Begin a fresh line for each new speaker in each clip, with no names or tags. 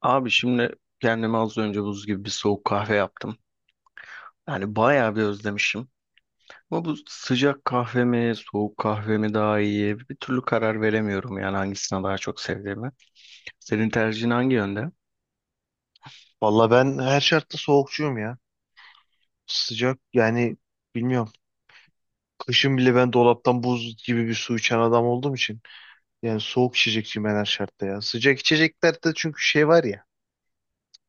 Abi şimdi kendime az önce buz gibi bir soğuk kahve yaptım. Yani bayağı bir özlemişim. Ama bu sıcak kahve mi, soğuk kahve mi daha iyi? Bir türlü karar veremiyorum yani hangisini daha çok sevdiğimi. Senin tercihin hangi yönde?
Valla ben her şartta soğukçuyum ya. Sıcak yani bilmiyorum. Kışın bile ben dolaptan buz gibi bir su içen adam olduğum için. Yani soğuk içecekçiyim ben her şartta ya. Sıcak içeceklerde çünkü şey var ya.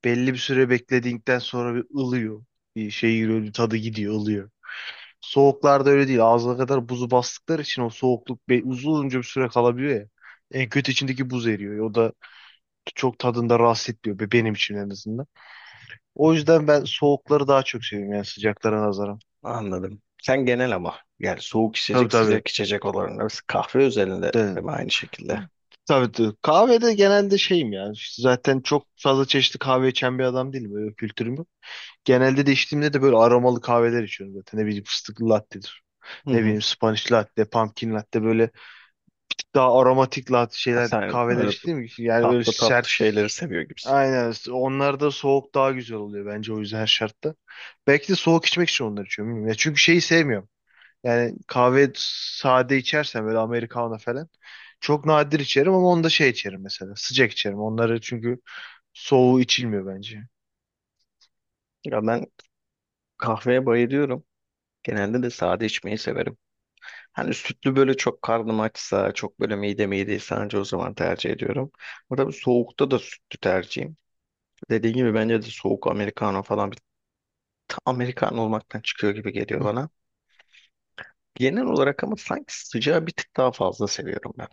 Belli bir süre beklediğinden sonra bir ılıyor. Bir şey giriyor, bir tadı gidiyor, ılıyor. Soğuklarda öyle değil. Ağzına kadar buzu bastıkları için o soğukluk uzunca bir süre kalabiliyor ya. En kötü içindeki buz eriyor. O da çok tadında rahatsız etmiyor, benim için en azından. O yüzden ben soğukları daha çok seviyorum yani sıcaklara nazaran.
Anladım. Sen genel ama yani soğuk
Tabii,
içecek,
tabii.
sıcak içecek olanlar kahve özelinde
De,
değil mi aynı şekilde?
tabii de. Kahvede genelde şeyim ya. Zaten çok fazla çeşitli kahve içen bir adam değilim. Öyle bir kültürüm yok. Genelde de içtiğimde de böyle aromalı kahveler içiyorum zaten. Ne bileyim, fıstıklı latte'dir.
Hı
Ne
hı.
bileyim Spanish latte, pumpkin latte, böyle daha aromatik latte şeyler,
Sen
kahveler
böyle
içtiğim için yani öyle
tatlı tatlı
sert.
şeyleri seviyor gibisin.
Aynen. Onlar da soğuk daha güzel oluyor bence, o yüzden her şartta. Belki de soğuk içmek için onları içiyorum, bilmiyorum. Ya çünkü şeyi sevmiyorum. Yani kahve sade içersem böyle Americano falan. Çok nadir içerim ama onda şey içerim mesela. Sıcak içerim. Onları çünkü soğuğu içilmiyor bence.
Ya ben kahveye bayılıyorum. Genelde de sade içmeyi severim. Hani sütlü böyle çok karnım açsa, çok böyle midem iyi değilse anca o zaman tercih ediyorum. Burada bir soğukta da sütlü tercihim. Dediğim gibi bence de soğuk Americano falan bir Americano olmaktan çıkıyor gibi geliyor
Hı.
bana. Genel olarak ama sanki sıcağı bir tık daha fazla seviyorum ben.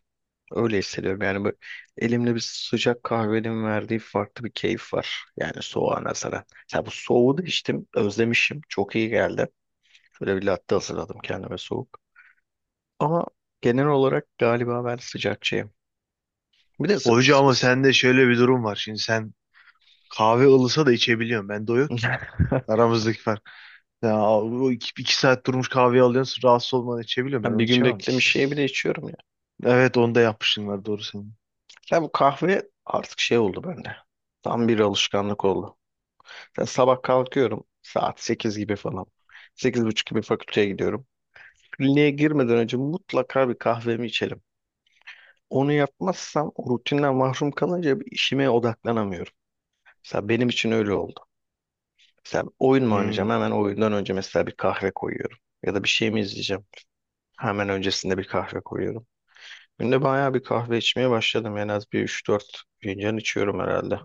Öyle hissediyorum yani böyle elimde bir sıcak kahvenin verdiği farklı bir keyif var. Yani soğuğa nazaran. Ya bu soğuğu da içtim, özlemişim. Çok iyi geldi. Şöyle bir latte hazırladım kendime soğuk. Ama genel olarak galiba ben sıcakçıyım. Bir de s-
Hoca,
s-
ama
s-
sende şöyle bir durum var. Şimdi sen kahve ılısa da içebiliyorsun. Bende o yok ki. Aramızdaki fark. Ya, o iki saat durmuş kahveyi alıyorsun. Rahatsız olmadan içebiliyorum. Ben
Ben bir
onu
gün
içemem
beklemiş
mesela.
şey bile içiyorum ya.
Evet, onda yapmışsın var, doğru senin.
Ya bu kahve artık şey oldu bende. Tam bir alışkanlık oldu. Ya sabah kalkıyorum saat 8 gibi falan. 8 buçuk gibi fakülteye gidiyorum. Kliniğe girmeden önce mutlaka bir kahvemi içelim. Onu yapmazsam o rutinden mahrum kalınca bir işime odaklanamıyorum. Mesela benim için öyle oldu. Mesela oyun mu oynayacağım?
Hmm.
Hemen oyundan önce mesela bir kahve koyuyorum. Ya da bir şey mi izleyeceğim? Hemen öncesinde bir kahve koyuyorum. Günde bayağı bir kahve içmeye başladım. En az bir üç dört fincan içiyorum herhalde.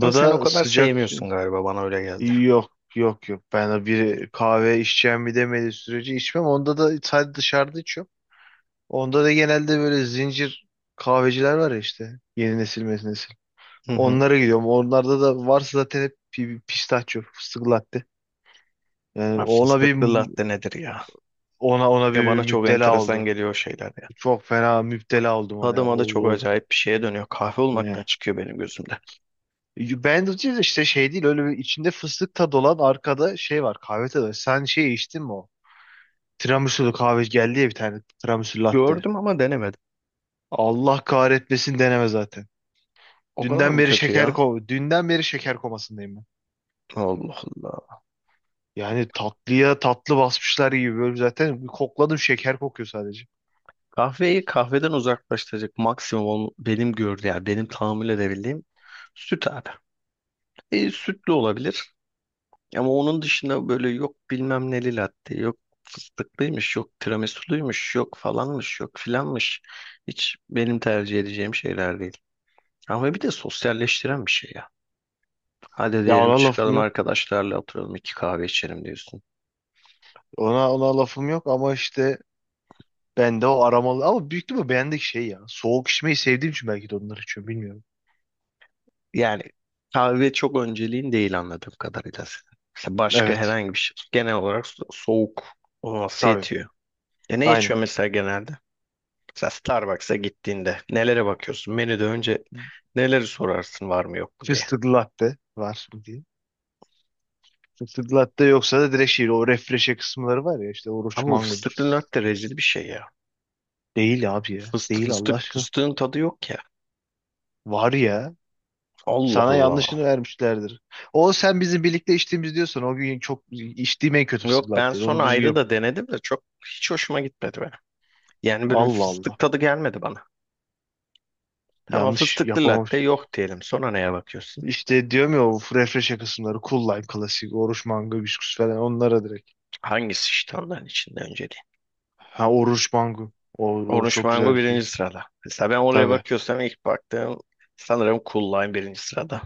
Ama sen o
da
kadar
sıcak.
sevmiyorsun galiba bana öyle geldi.
Yok, yok, yok. Ben de bir kahve içeceğim bir demediği sürece içmem. Onda da sadece dışarıda içiyorum. Onda da genelde böyle zincir kahveciler var ya işte. Yeni nesil mezi nesil.
Hı hı.
Onlara gidiyorum. Onlarda da varsa zaten hep pistachio, fıstık latte. Yani
Abi
ona bir,
fıstıklı latte nedir ya?
ona
Ya
bir
bana çok
müptela
enteresan
oldu.
geliyor o şeyler ya.
Çok fena müptela oldum ona
Tadı
ya.
madı çok acayip bir şeye dönüyor. Kahve olmaktan
Ne?
çıkıyor benim gözümde.
Ben de işte şey değil, öyle bir içinde fıstık tadı olan, arkada şey var kahve tadı. Sen şey içtin mi o? Tiramisu'lu kahve geldi ya bir tane. Tiramisu latte.
Gördüm ama denemedim.
Allah kahretmesin, deneme zaten.
O kadar mı kötü ya?
Dünden beri şeker komasındayım ben.
Allah Allah.
Yani tatlıya tatlı basmışlar gibi böyle, zaten bir kokladım, şeker kokuyor sadece.
Kahveyi kahveden uzaklaştıracak maksimum benim gördüğüm yani benim tahammül edebildiğim süt abi. Sütlü olabilir. Ama onun dışında böyle yok bilmem neli latte, yok fıstıklıymış, yok tiramisuluymuş, yok falanmış, yok filanmış. Hiç benim tercih edeceğim şeyler değil. Ama bir de sosyalleştiren bir şey ya. Hadi
Ya,
diyelim
ona lafım
çıkalım
yok.
arkadaşlarla oturalım iki kahve içelim diyorsun.
Ona lafım yok ama işte bende o aromalı ama büyük ihtimalle beğendik şey ya. Soğuk içmeyi sevdiğim için belki de onları içiyorum, bilmiyorum.
Yani kahve çok önceliğin değil anladığım kadarıyla senin. Mesela başka
Evet,
herhangi bir şey. Genel olarak soğuk olması
tabii,
yetiyor. Ne
aynen.
içiyor mesela genelde? Sen Starbucks'a gittiğinde nelere bakıyorsun? Menüde önce neleri sorarsın var mı yok mu diye.
Fıstıklı latte var mı diye. Fıstıklı latte yoksa da direkt şey, o refreshe kısımları var ya işte, oruç
Ama bu
mangodur.
fıstıklı latte rezil bir şey ya.
Değil abi ya.
Fıstık,
Değil Allah
fıstık,
aşkına.
fıstığın tadı yok ya.
Var ya.
Allah
Sana
Allah.
yanlışını vermişlerdir. O sen bizim birlikte içtiğimiz diyorsan, o gün çok içtiğim en kötü fısık
Yok, ben
latte.
sonra
Onu düzgün
ayrı
yap.
da denedim de çok hiç hoşuma gitmedi benim. Yani böyle bir
Allah
fıstık
Allah.
tadı gelmedi bana. Tamam,
Yanlış
fıstıklı latte
yapamamış.
yok diyelim. Sonra neye bakıyorsun?
İşte diyorum ya, o refresh kısımları. Cool Lime klasik. Oruç mango bisküs falan, onlara direkt.
Hangisi işte onların içinde önceliği?
Ha, oruç mango. O, o
Orange
çok güzel
mango
bir şey.
birinci sırada. Mesela ben oraya
Tabii.
bakıyorsam ilk baktığım sanırım Cool Lime birinci sırada.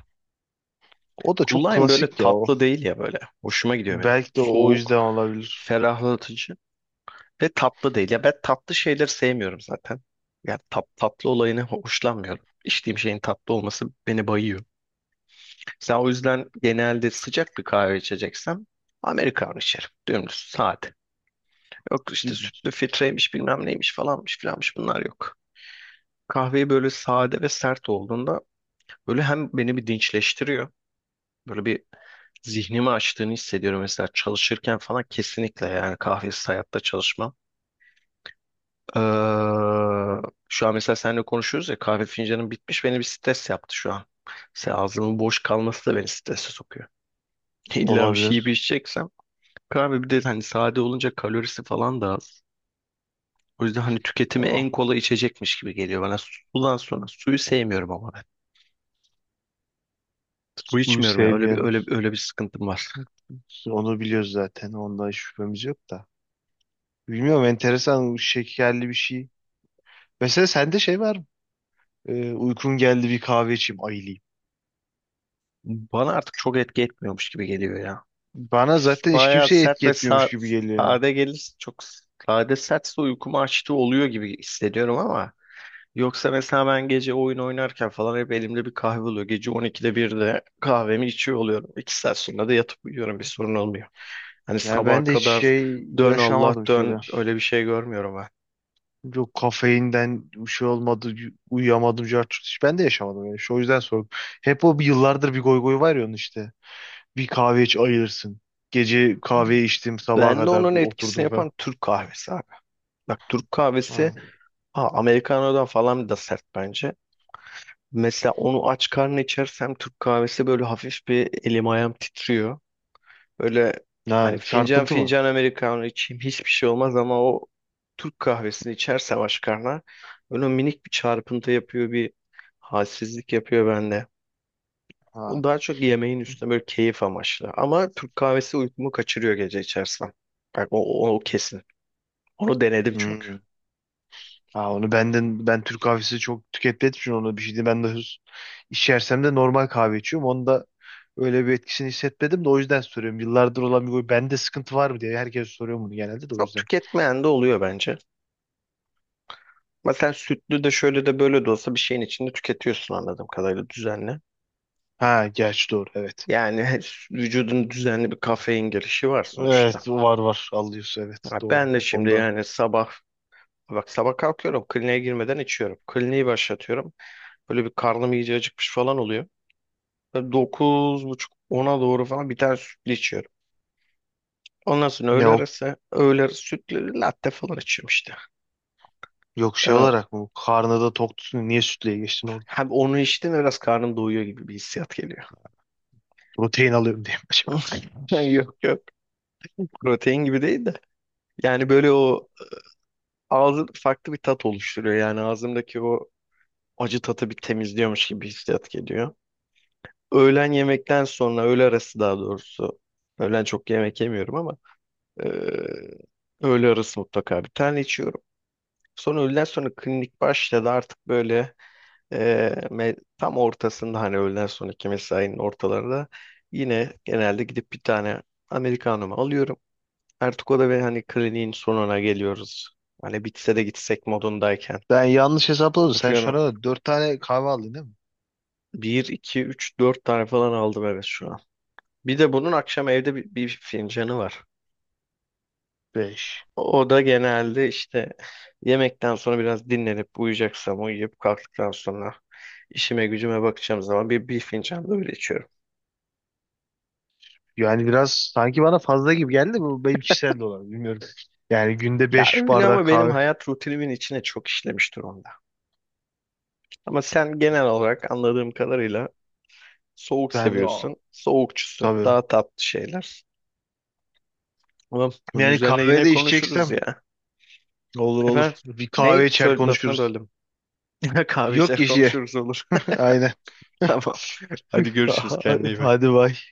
O da
Cool
çok
Lime böyle
klasik ya o.
tatlı değil ya böyle. Hoşuma gidiyor benim.
Belki de o yüzden
Soğuk,
olabilir.
ferahlatıcı ve tatlı değil. Ya ben tatlı şeyleri sevmiyorum zaten. Yani tatlı olayını hoşlanmıyorum. İçtiğim şeyin tatlı olması beni bayıyor. Sen o yüzden genelde sıcak bir kahve içeceksem Amerikan içerim. Dümdüz, sade. Yok işte sütlü filtreymiş bilmem neymiş falanmış filanmış bunlar yok. Kahveyi böyle sade ve sert olduğunda böyle hem beni bir dinçleştiriyor. Böyle bir zihnimi açtığını hissediyorum mesela çalışırken falan, kesinlikle yani kahvesiz hayatta çalışmam. Ee, Şu an mesela seninle konuşuyoruz ya, kahve fincanım bitmiş, beni bir stres yaptı şu an. Mesela ağzımın boş kalması da beni strese sokuyor. İlla bir şey yiyip
Olabilir.
içeceksem kahve, bir de hani sade olunca kalorisi falan da az. O yüzden hani tüketimi en
Ah,
kolay içecekmiş gibi geliyor bana. Sudan sonra, suyu sevmiyorum ama ben. Su
suyu
içmiyorum ya. Öyle bir
sevmeyen.
öyle öyle bir sıkıntım var.
Onu biliyoruz zaten. Onda hiç şüphemiz yok da. Bilmiyorum, enteresan, şekerli bir şey. Mesela sende şey var mı? Uykum geldi, bir kahve içeyim, ayılayım.
Bana artık çok etki etmiyormuş gibi geliyor ya.
Bana zaten hiç
Bayağı
kimseye
sert
etki
ve
etmiyormuş gibi geliyor yani.
sade gelirse, çok sade sertse uykumu açtığı oluyor gibi hissediyorum, ama yoksa mesela ben gece oyun oynarken falan hep elimde bir kahve oluyor. Gece 12'de 1'de kahvemi içiyor oluyorum. 2 saat sonra da yatıp uyuyorum, bir sorun olmuyor. Hani
Yani
sabaha
ben de hiç
kadar
şey
dön Allah
yaşamadım şöyle.
dön, öyle bir şey görmüyorum ben.
Yok kafeinden bir şey olmadı, uyuyamadım, cart curt. Hiç ben de yaşamadım yani. Şu o yüzden sordum. Hep o, bir yıllardır bir goy goy var ya onun işte. Bir kahve iç, ayılırsın. Gece kahveyi içtim, sabaha
Ben de
kadar
onun etkisini
oturdum falan.
yapan Türk kahvesi abi. Bak, Türk kahvesi
Ha.
Aa, Americano'dan falan da sert bence. Mesela onu aç karnına içersem Türk kahvesi böyle hafif bir elim ayağım titriyor. Böyle
Ha,
hani fincan
çarpıntı mı?
fincan Americano içeyim hiçbir şey olmaz, ama o Türk kahvesini içersem aç karnına böyle minik bir çarpıntı yapıyor, bir halsizlik yapıyor bende. O
Ha.
daha çok yemeğin üstüne böyle keyif amaçlı. Ama Türk kahvesi uykumu kaçırıyor gece içersem. Bak o kesin. Onu denedim çünkü.
Hmm. Ha, onu benden, ben Türk kahvesi çok tükettiğim için onu bir şey değil. Ben de içersem de normal kahve içiyorum. Onda öyle bir etkisini hissetmedim, de o yüzden soruyorum. Yıllardır olan bir huy bende, sıkıntı var mı diye herkes soruyor bunu genelde, de o
Çok
yüzden.
tüketmeyen de oluyor bence. Mesela sütlü de şöyle de böyle de olsa bir şeyin içinde tüketiyorsun anladığım kadarıyla düzenli.
Ha, gerçi doğru, evet.
Yani vücudun düzenli bir kafein girişi var sonuçta.
Evet, var, var, alıyorsun, evet,
Ya
doğru
ben de
o
şimdi,
konuda.
yani sabah, bak sabah kalkıyorum, kliniğe girmeden içiyorum. Kliniği başlatıyorum. Böyle bir karnım iyice acıkmış falan oluyor. Böyle 9 buçuk 10'a doğru falan bir tane sütlü içiyorum. Ondan sonra
Ne
öğle
o?
arası, öğle arası sütlü latte falan içiyorum işte.
Yok şey
Ee,
olarak mı? Karnı da tok tutsun. Niye sütlüye geçtin?
Hem onu içtim de biraz karnım doyuyor gibi bir hissiyat geliyor.
Protein alıyorum diye mi acaba?
Yok yok. Protein gibi değil de. Yani böyle o ağzı farklı bir tat oluşturuyor. Yani ağzımdaki o acı tatı bir temizliyormuş gibi bir hissiyat geliyor. Öğlen yemekten sonra, öğle arası daha doğrusu. Öğlen çok yemek yemiyorum ama Ee, öğle arası mutlaka bir tane içiyorum. Sonra öğleden sonra klinik başladı artık, böyle e, tam ortasında, hani öğleden sonraki mesainin ortalarında yine genelde gidip bir tane Americano'mu alıyorum. Artık o da ve hani kliniğin sonuna geliyoruz. Hani bitse de gitsek modundayken.
Ben yanlış hesapladım. Sen şu
Yapıyorum.
ana kadar 4 tane kahve aldın değil mi?
Bir iki üç dört tane falan aldım evet şu an. Bir de bunun akşam evde bir fincanı var.
Beş.
O da genelde işte yemekten sonra biraz dinlenip uyuyacaksam, uyuyup kalktıktan sonra işime gücüme bakacağım zaman bir fincan da öyle içiyorum.
Yani biraz sanki bana fazla gibi geldi. Bu benim kişisel de olabilir, bilmiyorum. Yani günde
Ya
beş
öyle
bardak
ama benim
kahve.
hayat rutinimin içine çok işlemiş durumda. Ama sen genel olarak anladığım kadarıyla soğuk
Ben de- aa,
seviyorsun, soğukçusun,
tabii.
daha tatlı şeyler. Ama bunun
Yani
üzerine
kahve
yine
de
konuşuruz
içeceksem
ya.
olur,
Efendim,
olur. Bir
ne
kahve içer,
söyle, lafına
konuşuruz.
böldüm. Yine kahve
Yok
içer
kişiye.
konuşuruz, olur.
Aynen.
Tamam. Hadi görüşürüz, kendine iyi bak.
Hadi bay.